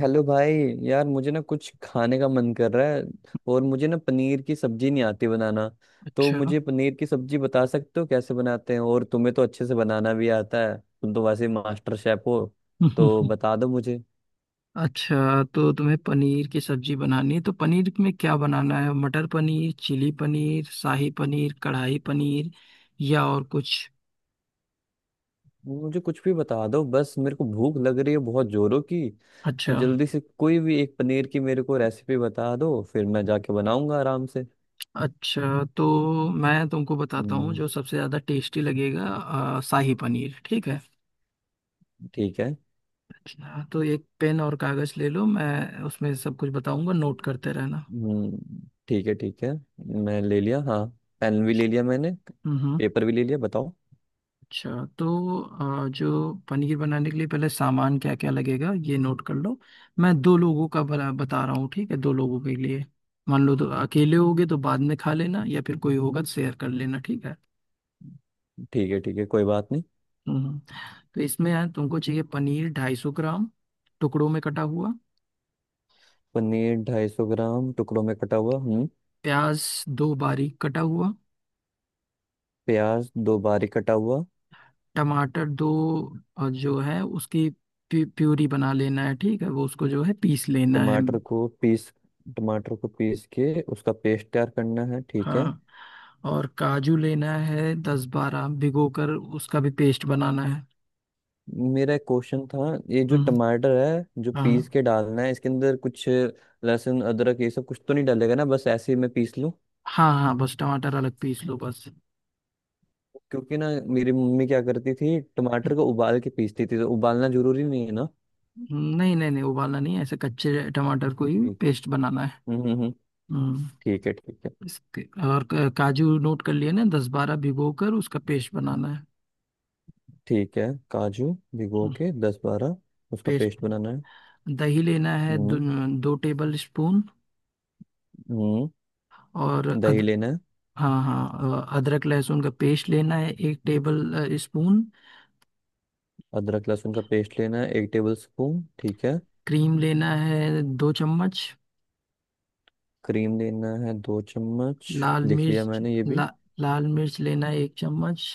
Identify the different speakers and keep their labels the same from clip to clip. Speaker 1: Hello भाई। यार मुझे ना कुछ खाने का मन कर रहा है और मुझे ना पनीर की सब्जी नहीं आती बनाना। तो
Speaker 2: अच्छा।
Speaker 1: मुझे पनीर की सब्जी बता सकते हो कैसे बनाते हैं, और तुम्हें तो अच्छे से बनाना भी आता है, तुम तो वैसे मास्टर शेफ हो। तो बता दो मुझे।
Speaker 2: अच्छा, तो तुम्हें पनीर की सब्जी बनानी है तो पनीर में क्या बनाना है? मटर पनीर, चिली पनीर, शाही पनीर, कढ़ाई पनीर या और कुछ?
Speaker 1: मुझे कुछ भी बता दो, बस मेरे को भूख लग रही है बहुत जोरों की।
Speaker 2: अच्छा
Speaker 1: तो जल्दी से कोई भी एक पनीर की मेरे को रेसिपी बता दो, फिर मैं जाके बनाऊंगा आराम से।
Speaker 2: अच्छा, तो मैं तुमको बताता हूँ
Speaker 1: हम्म,
Speaker 2: जो सबसे ज़्यादा टेस्टी लगेगा, शाही पनीर। ठीक है?
Speaker 1: ठीक है।
Speaker 2: हाँ, तो एक पेन और कागज़ ले लो, मैं उसमें सब कुछ बताऊंगा, नोट करते रहना।
Speaker 1: हम्म, ठीक है ठीक है। मैं ले लिया हाँ, पेन भी ले लिया मैंने,
Speaker 2: हम्म।
Speaker 1: पेपर भी ले लिया, बताओ।
Speaker 2: अच्छा, तो जो पनीर बनाने के लिए पहले सामान क्या क्या लगेगा ये नोट कर लो। मैं दो लोगों का बना बता रहा हूँ, ठीक है, दो लोगों के लिए मान लो। तो अकेले होगे तो बाद में खा लेना, या फिर कोई होगा तो शेयर कर लेना। ठीक है?
Speaker 1: ठीक है ठीक है, कोई बात नहीं।
Speaker 2: हम्म हम्म। तो इसमें यार तुमको चाहिए पनीर 250 ग्राम, टुकड़ों में कटा हुआ।
Speaker 1: पनीर 250 ग्राम टुकड़ों में कटा हुआ, हम्म।
Speaker 2: प्याज दो, बारीक कटा हुआ।
Speaker 1: प्याज 2 बारीक कटा हुआ।
Speaker 2: टमाटर दो, और जो है उसकी प्यूरी बना लेना है, ठीक है, वो उसको जो है पीस लेना है।
Speaker 1: टमाटर को पीस टमाटर को पीस के उसका पेस्ट तैयार करना है, ठीक है।
Speaker 2: हाँ, और काजू लेना है दस बारह, भिगो कर उसका भी पेस्ट बनाना है।
Speaker 1: मेरा एक क्वेश्चन था, ये जो
Speaker 2: हम्म।
Speaker 1: टमाटर है जो
Speaker 2: हाँ
Speaker 1: पीस के डालना है, इसके अंदर कुछ लहसुन अदरक ये सब कुछ तो नहीं डालेगा ना? बस ऐसे ही मैं पीस?
Speaker 2: हाँ हाँ, बस टमाटर अलग पीस लो बस।
Speaker 1: क्योंकि ना मेरी मम्मी क्या करती थी, टमाटर को उबाल के पीसती थी, तो उबालना जरूरी नहीं है ना?
Speaker 2: नहीं नहीं नहीं, उबालना नहीं है, ऐसे कच्चे टमाटर को ही
Speaker 1: ठीक।
Speaker 2: पेस्ट बनाना है।
Speaker 1: हम्म हम्म, हम्म,
Speaker 2: हम्म।
Speaker 1: ठीक है ठीक है।
Speaker 2: इसके, और काजू नोट कर लिए ना? दस बारह भिगो कर उसका पेस्ट बनाना है।
Speaker 1: ठीक है काजू भिगो
Speaker 2: हम्म,
Speaker 1: के 10-12, उसका
Speaker 2: पेस्ट।
Speaker 1: पेस्ट बनाना है।
Speaker 2: दही लेना है
Speaker 1: हम्म।
Speaker 2: 2 टेबल स्पून।
Speaker 1: हम्म,
Speaker 2: और
Speaker 1: दही लेना है।
Speaker 2: हाँ हाँ, अदरक लहसुन का पेस्ट लेना है एक टेबल स्पून।
Speaker 1: अदरक लहसुन का पेस्ट लेना है 1 टेबल स्पून, ठीक है।
Speaker 2: क्रीम लेना है 2 चम्मच।
Speaker 1: क्रीम लेना है 2 चम्मच,
Speaker 2: लाल
Speaker 1: लिख लिया
Speaker 2: मिर्च।
Speaker 1: मैंने ये भी।
Speaker 2: ला, लाल मिर्च लेना है 1 चम्मच।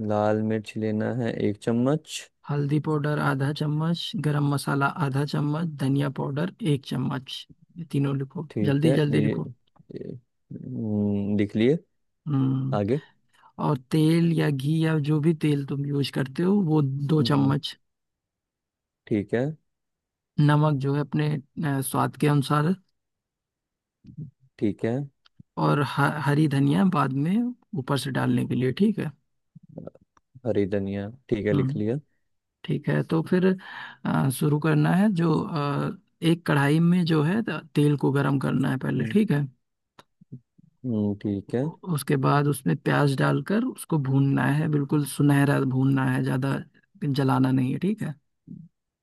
Speaker 1: लाल मिर्च लेना है 1 चम्मच,
Speaker 2: हल्दी पाउडर आधा चम्मच, गरम मसाला आधा चम्मच, धनिया पाउडर 1 चम्मच। ये तीनों लिखो,
Speaker 1: ठीक
Speaker 2: जल्दी
Speaker 1: है।
Speaker 2: जल्दी
Speaker 1: ये
Speaker 2: लिखो।
Speaker 1: ये, लिख लिए,
Speaker 2: हम्म।
Speaker 1: आगे।
Speaker 2: और तेल या घी, या जो भी तेल तुम यूज करते हो वो दो
Speaker 1: हम्म,
Speaker 2: चम्मच
Speaker 1: ठीक है,
Speaker 2: नमक जो है अपने स्वाद के अनुसार।
Speaker 1: ठीक है।
Speaker 2: और हरी धनिया बाद में ऊपर से डालने के लिए। ठीक है?
Speaker 1: हरी धनिया, ठीक है, लिख
Speaker 2: हम्म।
Speaker 1: लिया।
Speaker 2: ठीक है, तो फिर शुरू करना है। जो एक कढ़ाई में जो है तेल को गरम करना है पहले।
Speaker 1: हम्म,
Speaker 2: ठीक है?
Speaker 1: ठीक है।
Speaker 2: उसके बाद उसमें प्याज डालकर उसको भूनना है, बिल्कुल सुनहरा भूनना है, ज़्यादा जलाना नहीं है। ठीक है?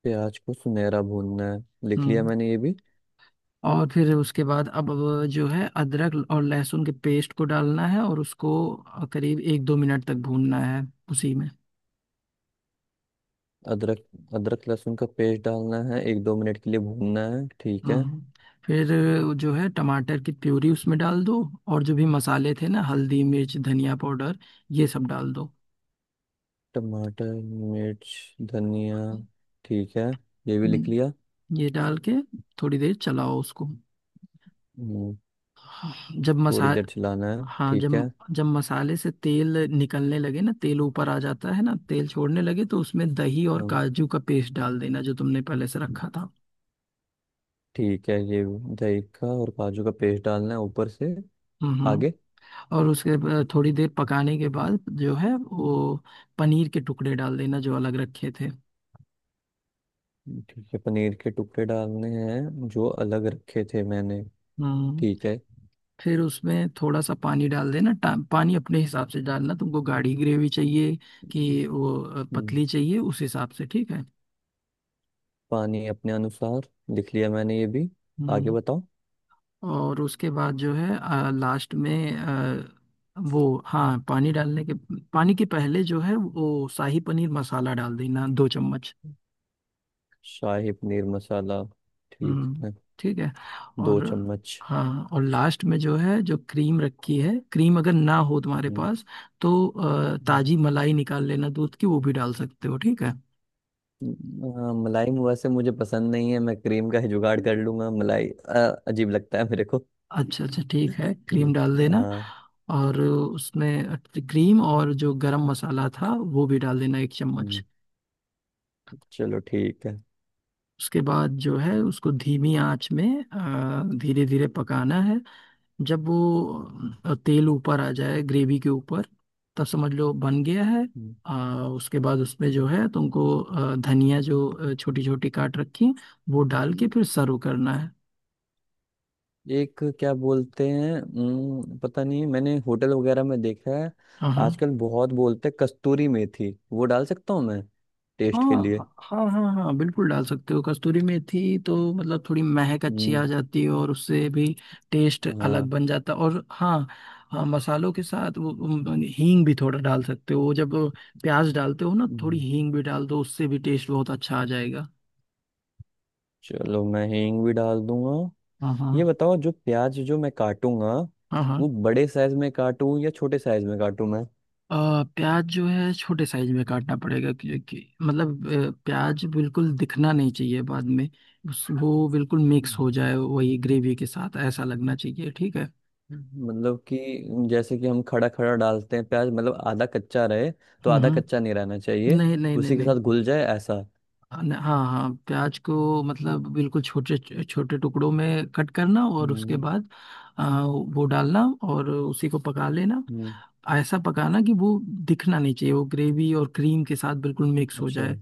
Speaker 1: प्याज को सुनहरा भूनना है, लिख लिया
Speaker 2: हम्म।
Speaker 1: मैंने ये भी।
Speaker 2: और फिर उसके बाद अब जो है अदरक और लहसुन के पेस्ट को डालना है, और उसको करीब 1-2 मिनट तक भूनना है उसी में।
Speaker 1: अदरक, अदरक लहसुन का पेस्ट डालना है 1-2 मिनट के लिए भूनना है, ठीक है।
Speaker 2: हम्म। फिर जो है टमाटर की प्यूरी उसमें डाल दो, और जो भी मसाले थे ना, हल्दी, मिर्च, धनिया पाउडर, ये सब डाल दो।
Speaker 1: टमाटर, मिर्च, धनिया, ठीक है, ये भी लिख लिया।
Speaker 2: हम्म, ये डाल के थोड़ी देर चलाओ उसको।
Speaker 1: हम्म,
Speaker 2: जब मसा
Speaker 1: थोड़ी देर चलाना है,
Speaker 2: हाँ,
Speaker 1: ठीक
Speaker 2: जब
Speaker 1: है।
Speaker 2: जब मसाले से तेल निकलने लगे ना, तेल ऊपर आ जाता है ना, तेल छोड़ने लगे, तो उसमें दही और
Speaker 1: हम्म,
Speaker 2: काजू का पेस्ट डाल देना जो तुमने पहले से रखा था।
Speaker 1: ठीक है, ये दही का और काजू का पेस्ट डालना है ऊपर से,
Speaker 2: हम्म।
Speaker 1: आगे।
Speaker 2: और उसके थोड़ी देर पकाने के बाद जो है वो पनीर के टुकड़े डाल देना जो अलग रखे थे।
Speaker 1: ठीक है, पनीर के टुकड़े डालने हैं जो अलग रखे थे मैंने,
Speaker 2: हम्म।
Speaker 1: ठीक है।
Speaker 2: फिर उसमें थोड़ा सा पानी डाल देना। पानी अपने हिसाब से डालना, तुमको गाढ़ी ग्रेवी चाहिए कि वो
Speaker 1: हम्म,
Speaker 2: पतली चाहिए, उस हिसाब से। ठीक है?
Speaker 1: पानी अपने अनुसार, लिख लिया मैंने ये भी, आगे
Speaker 2: हम्म।
Speaker 1: बताओ।
Speaker 2: और उसके बाद जो है लास्ट में वो, हाँ, पानी के पहले जो है वो शाही पनीर मसाला डाल देना 2 चम्मच।
Speaker 1: शाही पनीर मसाला, ठीक
Speaker 2: हम्म,
Speaker 1: है,
Speaker 2: ठीक है।
Speaker 1: दो
Speaker 2: और
Speaker 1: चम्मच
Speaker 2: हाँ, और लास्ट में जो है जो क्रीम रखी है, क्रीम अगर ना हो तुम्हारे
Speaker 1: हम्म,
Speaker 2: पास तो
Speaker 1: हाँ,
Speaker 2: ताजी मलाई निकाल लेना दूध की, वो भी डाल सकते हो। ठीक है?
Speaker 1: हाँ, मलाई वैसे मुझे पसंद नहीं है, मैं क्रीम का ही जुगाड़ कर लूंगा, मलाई अजीब लगता है मेरे को।
Speaker 2: अच्छा अच्छा, ठीक है, क्रीम
Speaker 1: ठीक,
Speaker 2: डाल देना।
Speaker 1: हाँ।
Speaker 2: और उसमें क्रीम और जो गरम मसाला था वो भी डाल देना 1 चम्मच।
Speaker 1: हम्म, चलो ठीक है।
Speaker 2: उसके बाद जो है उसको धीमी आंच में धीरे धीरे पकाना है। जब वो
Speaker 1: हम्म,
Speaker 2: तेल ऊपर आ जाए ग्रेवी के ऊपर, तब समझ लो बन गया है।
Speaker 1: हम्म,
Speaker 2: उसके बाद उसमें जो है तुमको धनिया जो छोटी छोटी काट रखी, वो डाल के
Speaker 1: हम्म।
Speaker 2: फिर सर्व करना है।
Speaker 1: एक क्या बोलते हैं, पता नहीं, मैंने होटल वगैरह में देखा है,
Speaker 2: हाँ हाँ
Speaker 1: आजकल बहुत बोलते हैं कस्तूरी मेथी, वो डाल सकता हूँ मैं
Speaker 2: हाँ
Speaker 1: टेस्ट के
Speaker 2: हाँ।
Speaker 1: लिए?
Speaker 2: हाँ हाँ हाँ, बिल्कुल डाल सकते हो कस्तूरी मेथी, तो मतलब थोड़ी महक अच्छी आ
Speaker 1: हम्म,
Speaker 2: जाती है, और उससे भी टेस्ट अलग
Speaker 1: हाँ।
Speaker 2: बन जाता है। और हाँ, हाँ, मसालों के साथ वो हींग भी थोड़ा डाल सकते हो। जब प्याज डालते हो ना, थोड़ी
Speaker 1: हम्म,
Speaker 2: हींग भी डाल दो, उससे भी टेस्ट बहुत अच्छा आ जाएगा।
Speaker 1: चलो मैं हींग भी डाल दूंगा।
Speaker 2: हाँ
Speaker 1: ये
Speaker 2: हाँ
Speaker 1: बताओ जो प्याज जो मैं काटूंगा,
Speaker 2: हाँ हाँ।
Speaker 1: वो बड़े साइज में काटूं या छोटे साइज में काटूं मैं?
Speaker 2: प्याज जो है छोटे साइज में काटना पड़ेगा, क्योंकि मतलब प्याज बिल्कुल दिखना नहीं चाहिए बाद में। उस, वो बिल्कुल मिक्स
Speaker 1: हम्म।
Speaker 2: हो जाए वही ग्रेवी के साथ, ऐसा लगना चाहिए। ठीक है?
Speaker 1: मतलब कि जैसे कि हम खड़ा खड़ा डालते हैं प्याज, मतलब आधा कच्चा रहे, तो आधा कच्चा
Speaker 2: हम्म।
Speaker 1: नहीं रहना चाहिए,
Speaker 2: नहीं नहीं नहीं
Speaker 1: उसी के
Speaker 2: नहीं।
Speaker 1: साथ घुल जाए ऐसा।
Speaker 2: हाँ, हाँ हाँ, प्याज को मतलब बिल्कुल छोटे छोटे टुकड़ों में कट करना, और उसके
Speaker 1: हम्म,
Speaker 2: बाद वो डालना और उसी को पका लेना।
Speaker 1: हम्म,
Speaker 2: ऐसा पकाना कि वो दिखना नहीं चाहिए, वो ग्रेवी और क्रीम के साथ बिल्कुल मिक्स हो
Speaker 1: अच्छा।
Speaker 2: जाए।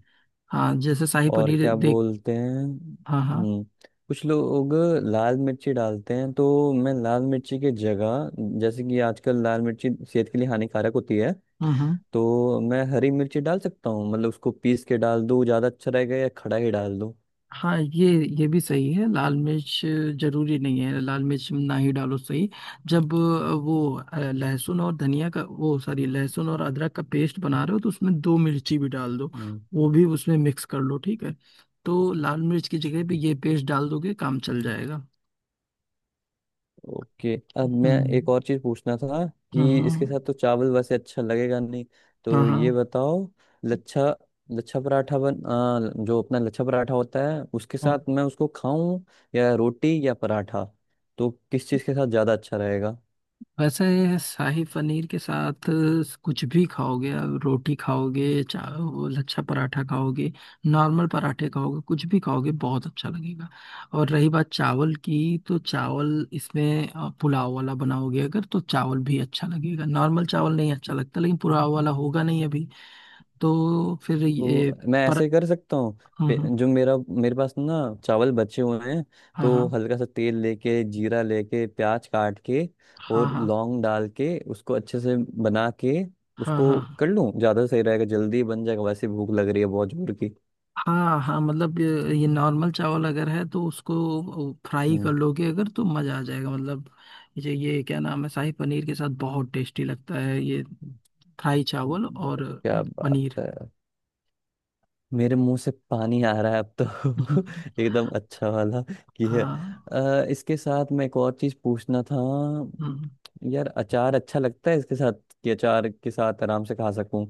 Speaker 2: हाँ, जैसे शाही
Speaker 1: और
Speaker 2: पनीर
Speaker 1: क्या
Speaker 2: देख।
Speaker 1: बोलते हैं,
Speaker 2: हाँ हाँ।
Speaker 1: हम्म, कुछ लोग लाल मिर्ची डालते हैं तो मैं लाल मिर्ची की जगह, जैसे कि आजकल लाल मिर्ची सेहत के लिए हानिकारक होती है,
Speaker 2: हम्म।
Speaker 1: तो मैं हरी मिर्ची डाल सकता हूँ, मतलब उसको पीस के डाल दूँ ज़्यादा अच्छा रहेगा या खड़ा ही डाल दूँ?
Speaker 2: हाँ, ये भी सही है। लाल मिर्च जरूरी नहीं है, लाल मिर्च ना ही डालो सही। जब वो लहसुन और धनिया का वो, सॉरी, लहसुन और अदरक का पेस्ट बना रहे हो तो उसमें दो मिर्ची भी डाल दो, वो भी उसमें मिक्स कर लो। ठीक है? तो लाल मिर्च की जगह पे
Speaker 1: हम्म,
Speaker 2: ये पेस्ट डाल दोगे, काम चल जाएगा।
Speaker 1: ओके। अब मैं
Speaker 2: हम्म।
Speaker 1: एक और चीज पूछना था,
Speaker 2: हाँ
Speaker 1: कि
Speaker 2: हाँ
Speaker 1: इसके साथ तो चावल वैसे अच्छा लगेगा नहीं, तो ये
Speaker 2: हाँ
Speaker 1: बताओ, लच्छा लच्छा पराठा बन आ, जो अपना लच्छा पराठा होता है उसके
Speaker 2: हाँ।
Speaker 1: साथ मैं उसको खाऊं, या रोटी या पराठा, तो किस चीज के साथ ज्यादा अच्छा रहेगा?
Speaker 2: वैसे शाही पनीर के साथ कुछ भी खाओगे, आप रोटी खाओगे चाहे वो लच्छा पराठा खाओगे, नॉर्मल पराठे खाओगे, कुछ भी खाओगे बहुत अच्छा लगेगा। और रही बात चावल की, तो चावल इसमें पुलाव वाला बनाओगे अगर, तो चावल भी अच्छा लगेगा। नॉर्मल चावल नहीं अच्छा लगता, लेकिन पुलाव वाला होगा नहीं अभी, तो फिर
Speaker 1: वो
Speaker 2: ये,
Speaker 1: मैं
Speaker 2: पर।
Speaker 1: ऐसे कर सकता हूँ,
Speaker 2: हम्म।
Speaker 1: जो मेरा मेरे पास ना चावल बचे हुए हैं,
Speaker 2: हाँ
Speaker 1: तो
Speaker 2: हाँ
Speaker 1: हल्का सा तेल लेके, जीरा लेके, प्याज काट के
Speaker 2: हाँ
Speaker 1: और
Speaker 2: हाँ।
Speaker 1: लौंग डाल के उसको अच्छे से बना के
Speaker 2: हाँ
Speaker 1: उसको
Speaker 2: हाँ
Speaker 1: कर
Speaker 2: हाँ
Speaker 1: लूँ, ज़्यादा सही रहेगा, जल्दी बन जाएगा, वैसे भूख लग रही है बहुत जोर की।
Speaker 2: हाँ। हाँ, मतलब ये नॉर्मल चावल अगर है तो उसको फ्राई
Speaker 1: हम्म,
Speaker 2: कर लोगे अगर, तो मज़ा आ जाएगा। मतलब ये क्या नाम है, शाही पनीर के साथ बहुत टेस्टी लगता है ये फ्राई चावल और
Speaker 1: क्या बात
Speaker 2: पनीर।
Speaker 1: है, मेरे मुंह से पानी आ रहा है अब तो
Speaker 2: हम्म।
Speaker 1: एकदम अच्छा वाला कि है।
Speaker 2: हाँ।
Speaker 1: इसके साथ मैं एक और चीज पूछना था,
Speaker 2: हम्म,
Speaker 1: यार अचार अच्छा लगता है इसके साथ? कि अचार के साथ आराम से खा सकूं,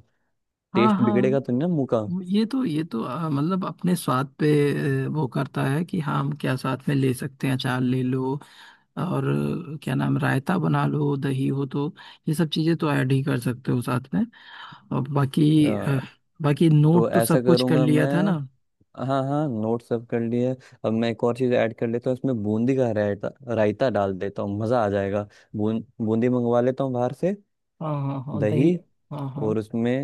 Speaker 2: हाँ
Speaker 1: टेस्ट बिगड़ेगा
Speaker 2: हाँ।
Speaker 1: तो नहीं ना मुंह का?
Speaker 2: ये तो, ये तो मतलब अपने स्वाद पे वो करता है कि हाँ हम क्या साथ में ले सकते हैं। अचार ले लो, और आ, क्या नाम रायता बना लो दही हो तो। ये सब चीज़ें तो ऐड ही कर सकते हो साथ में। अब बाकी अ,
Speaker 1: अ,
Speaker 2: बाकी
Speaker 1: तो
Speaker 2: नोट तो
Speaker 1: ऐसा
Speaker 2: सब कुछ कर
Speaker 1: करूंगा
Speaker 2: लिया था
Speaker 1: मैं,
Speaker 2: ना?
Speaker 1: हाँ हाँ, नोट सब कर लिए। अब मैं एक और चीज़ ऐड कर लेता हूँ इसमें, बूंदी का रायता, रायता डाल देता हूँ, मज़ा आ जाएगा। बूं बूंदी मंगवा लेता हूँ बाहर से,
Speaker 2: हाँ हाँ हाँ,
Speaker 1: दही,
Speaker 2: दही। हाँ हाँ
Speaker 1: और उसमें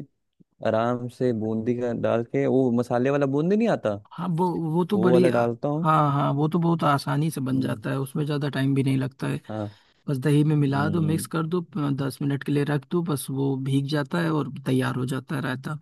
Speaker 1: आराम से बूंदी का डाल के, वो मसाले वाला बूंदी नहीं आता,
Speaker 2: हाँ, वो तो
Speaker 1: वो
Speaker 2: बड़ी
Speaker 1: वाला
Speaker 2: आ-।
Speaker 1: डालता हूँ।
Speaker 2: हाँ हाँ, वो तो बहुत आसानी से बन
Speaker 1: हम्म,
Speaker 2: जाता है, उसमें ज़्यादा टाइम भी नहीं लगता है।
Speaker 1: हाँ।
Speaker 2: बस दही में मिला दो,
Speaker 1: हम्म,
Speaker 2: मिक्स कर दो, 10 मिनट के लिए रख दो, बस वो भीग जाता है और तैयार हो जाता है रायता।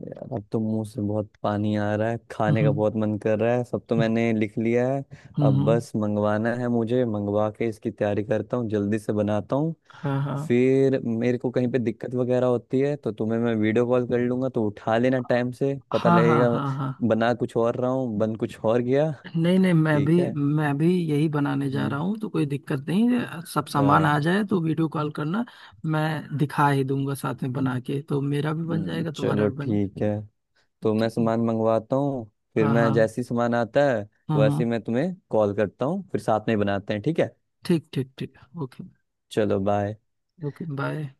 Speaker 1: यार अब तो मुंह से बहुत पानी आ रहा है, खाने का
Speaker 2: हम्म।
Speaker 1: बहुत मन कर रहा है, सब तो
Speaker 2: हम्म।
Speaker 1: मैंने लिख लिया है। अब
Speaker 2: हम्म।
Speaker 1: बस मंगवाना है मुझे, मंगवा के इसकी तैयारी करता हूँ, जल्दी से बनाता हूँ।
Speaker 2: हाँ हाँ
Speaker 1: फिर मेरे को कहीं पे दिक्कत वगैरह होती है तो तुम्हें मैं वीडियो कॉल कर लूंगा, तो उठा लेना टाइम से, पता
Speaker 2: हाँ हाँ।
Speaker 1: लगेगा
Speaker 2: हाँ हाँ।
Speaker 1: बना कुछ और रहा हूँ बन कुछ और गया।
Speaker 2: नहीं नहीं, मैं भी
Speaker 1: ठीक है।
Speaker 2: मैं भी यही बनाने जा
Speaker 1: हम्म,
Speaker 2: रहा हूँ, तो कोई दिक्कत नहीं है। सब
Speaker 1: अच्छा।
Speaker 2: सामान आ जाए तो वीडियो कॉल करना, मैं दिखा ही दूंगा साथ में बना के, तो मेरा भी बन जाएगा तुम्हारा
Speaker 1: चलो
Speaker 2: भी बन।
Speaker 1: ठीक है, तो मैं
Speaker 2: ठीक है?
Speaker 1: सामान मंगवाता हूँ, फिर
Speaker 2: हाँ
Speaker 1: मैं
Speaker 2: हाँ
Speaker 1: जैसी सामान आता है
Speaker 2: हाँ हाँ।
Speaker 1: वैसे ही मैं तुम्हें कॉल करता हूँ, फिर साथ में ही बनाते हैं, ठीक है।
Speaker 2: ठीक, ठीक, ठीक, ओके।
Speaker 1: चलो बाय।
Speaker 2: Okay, bye.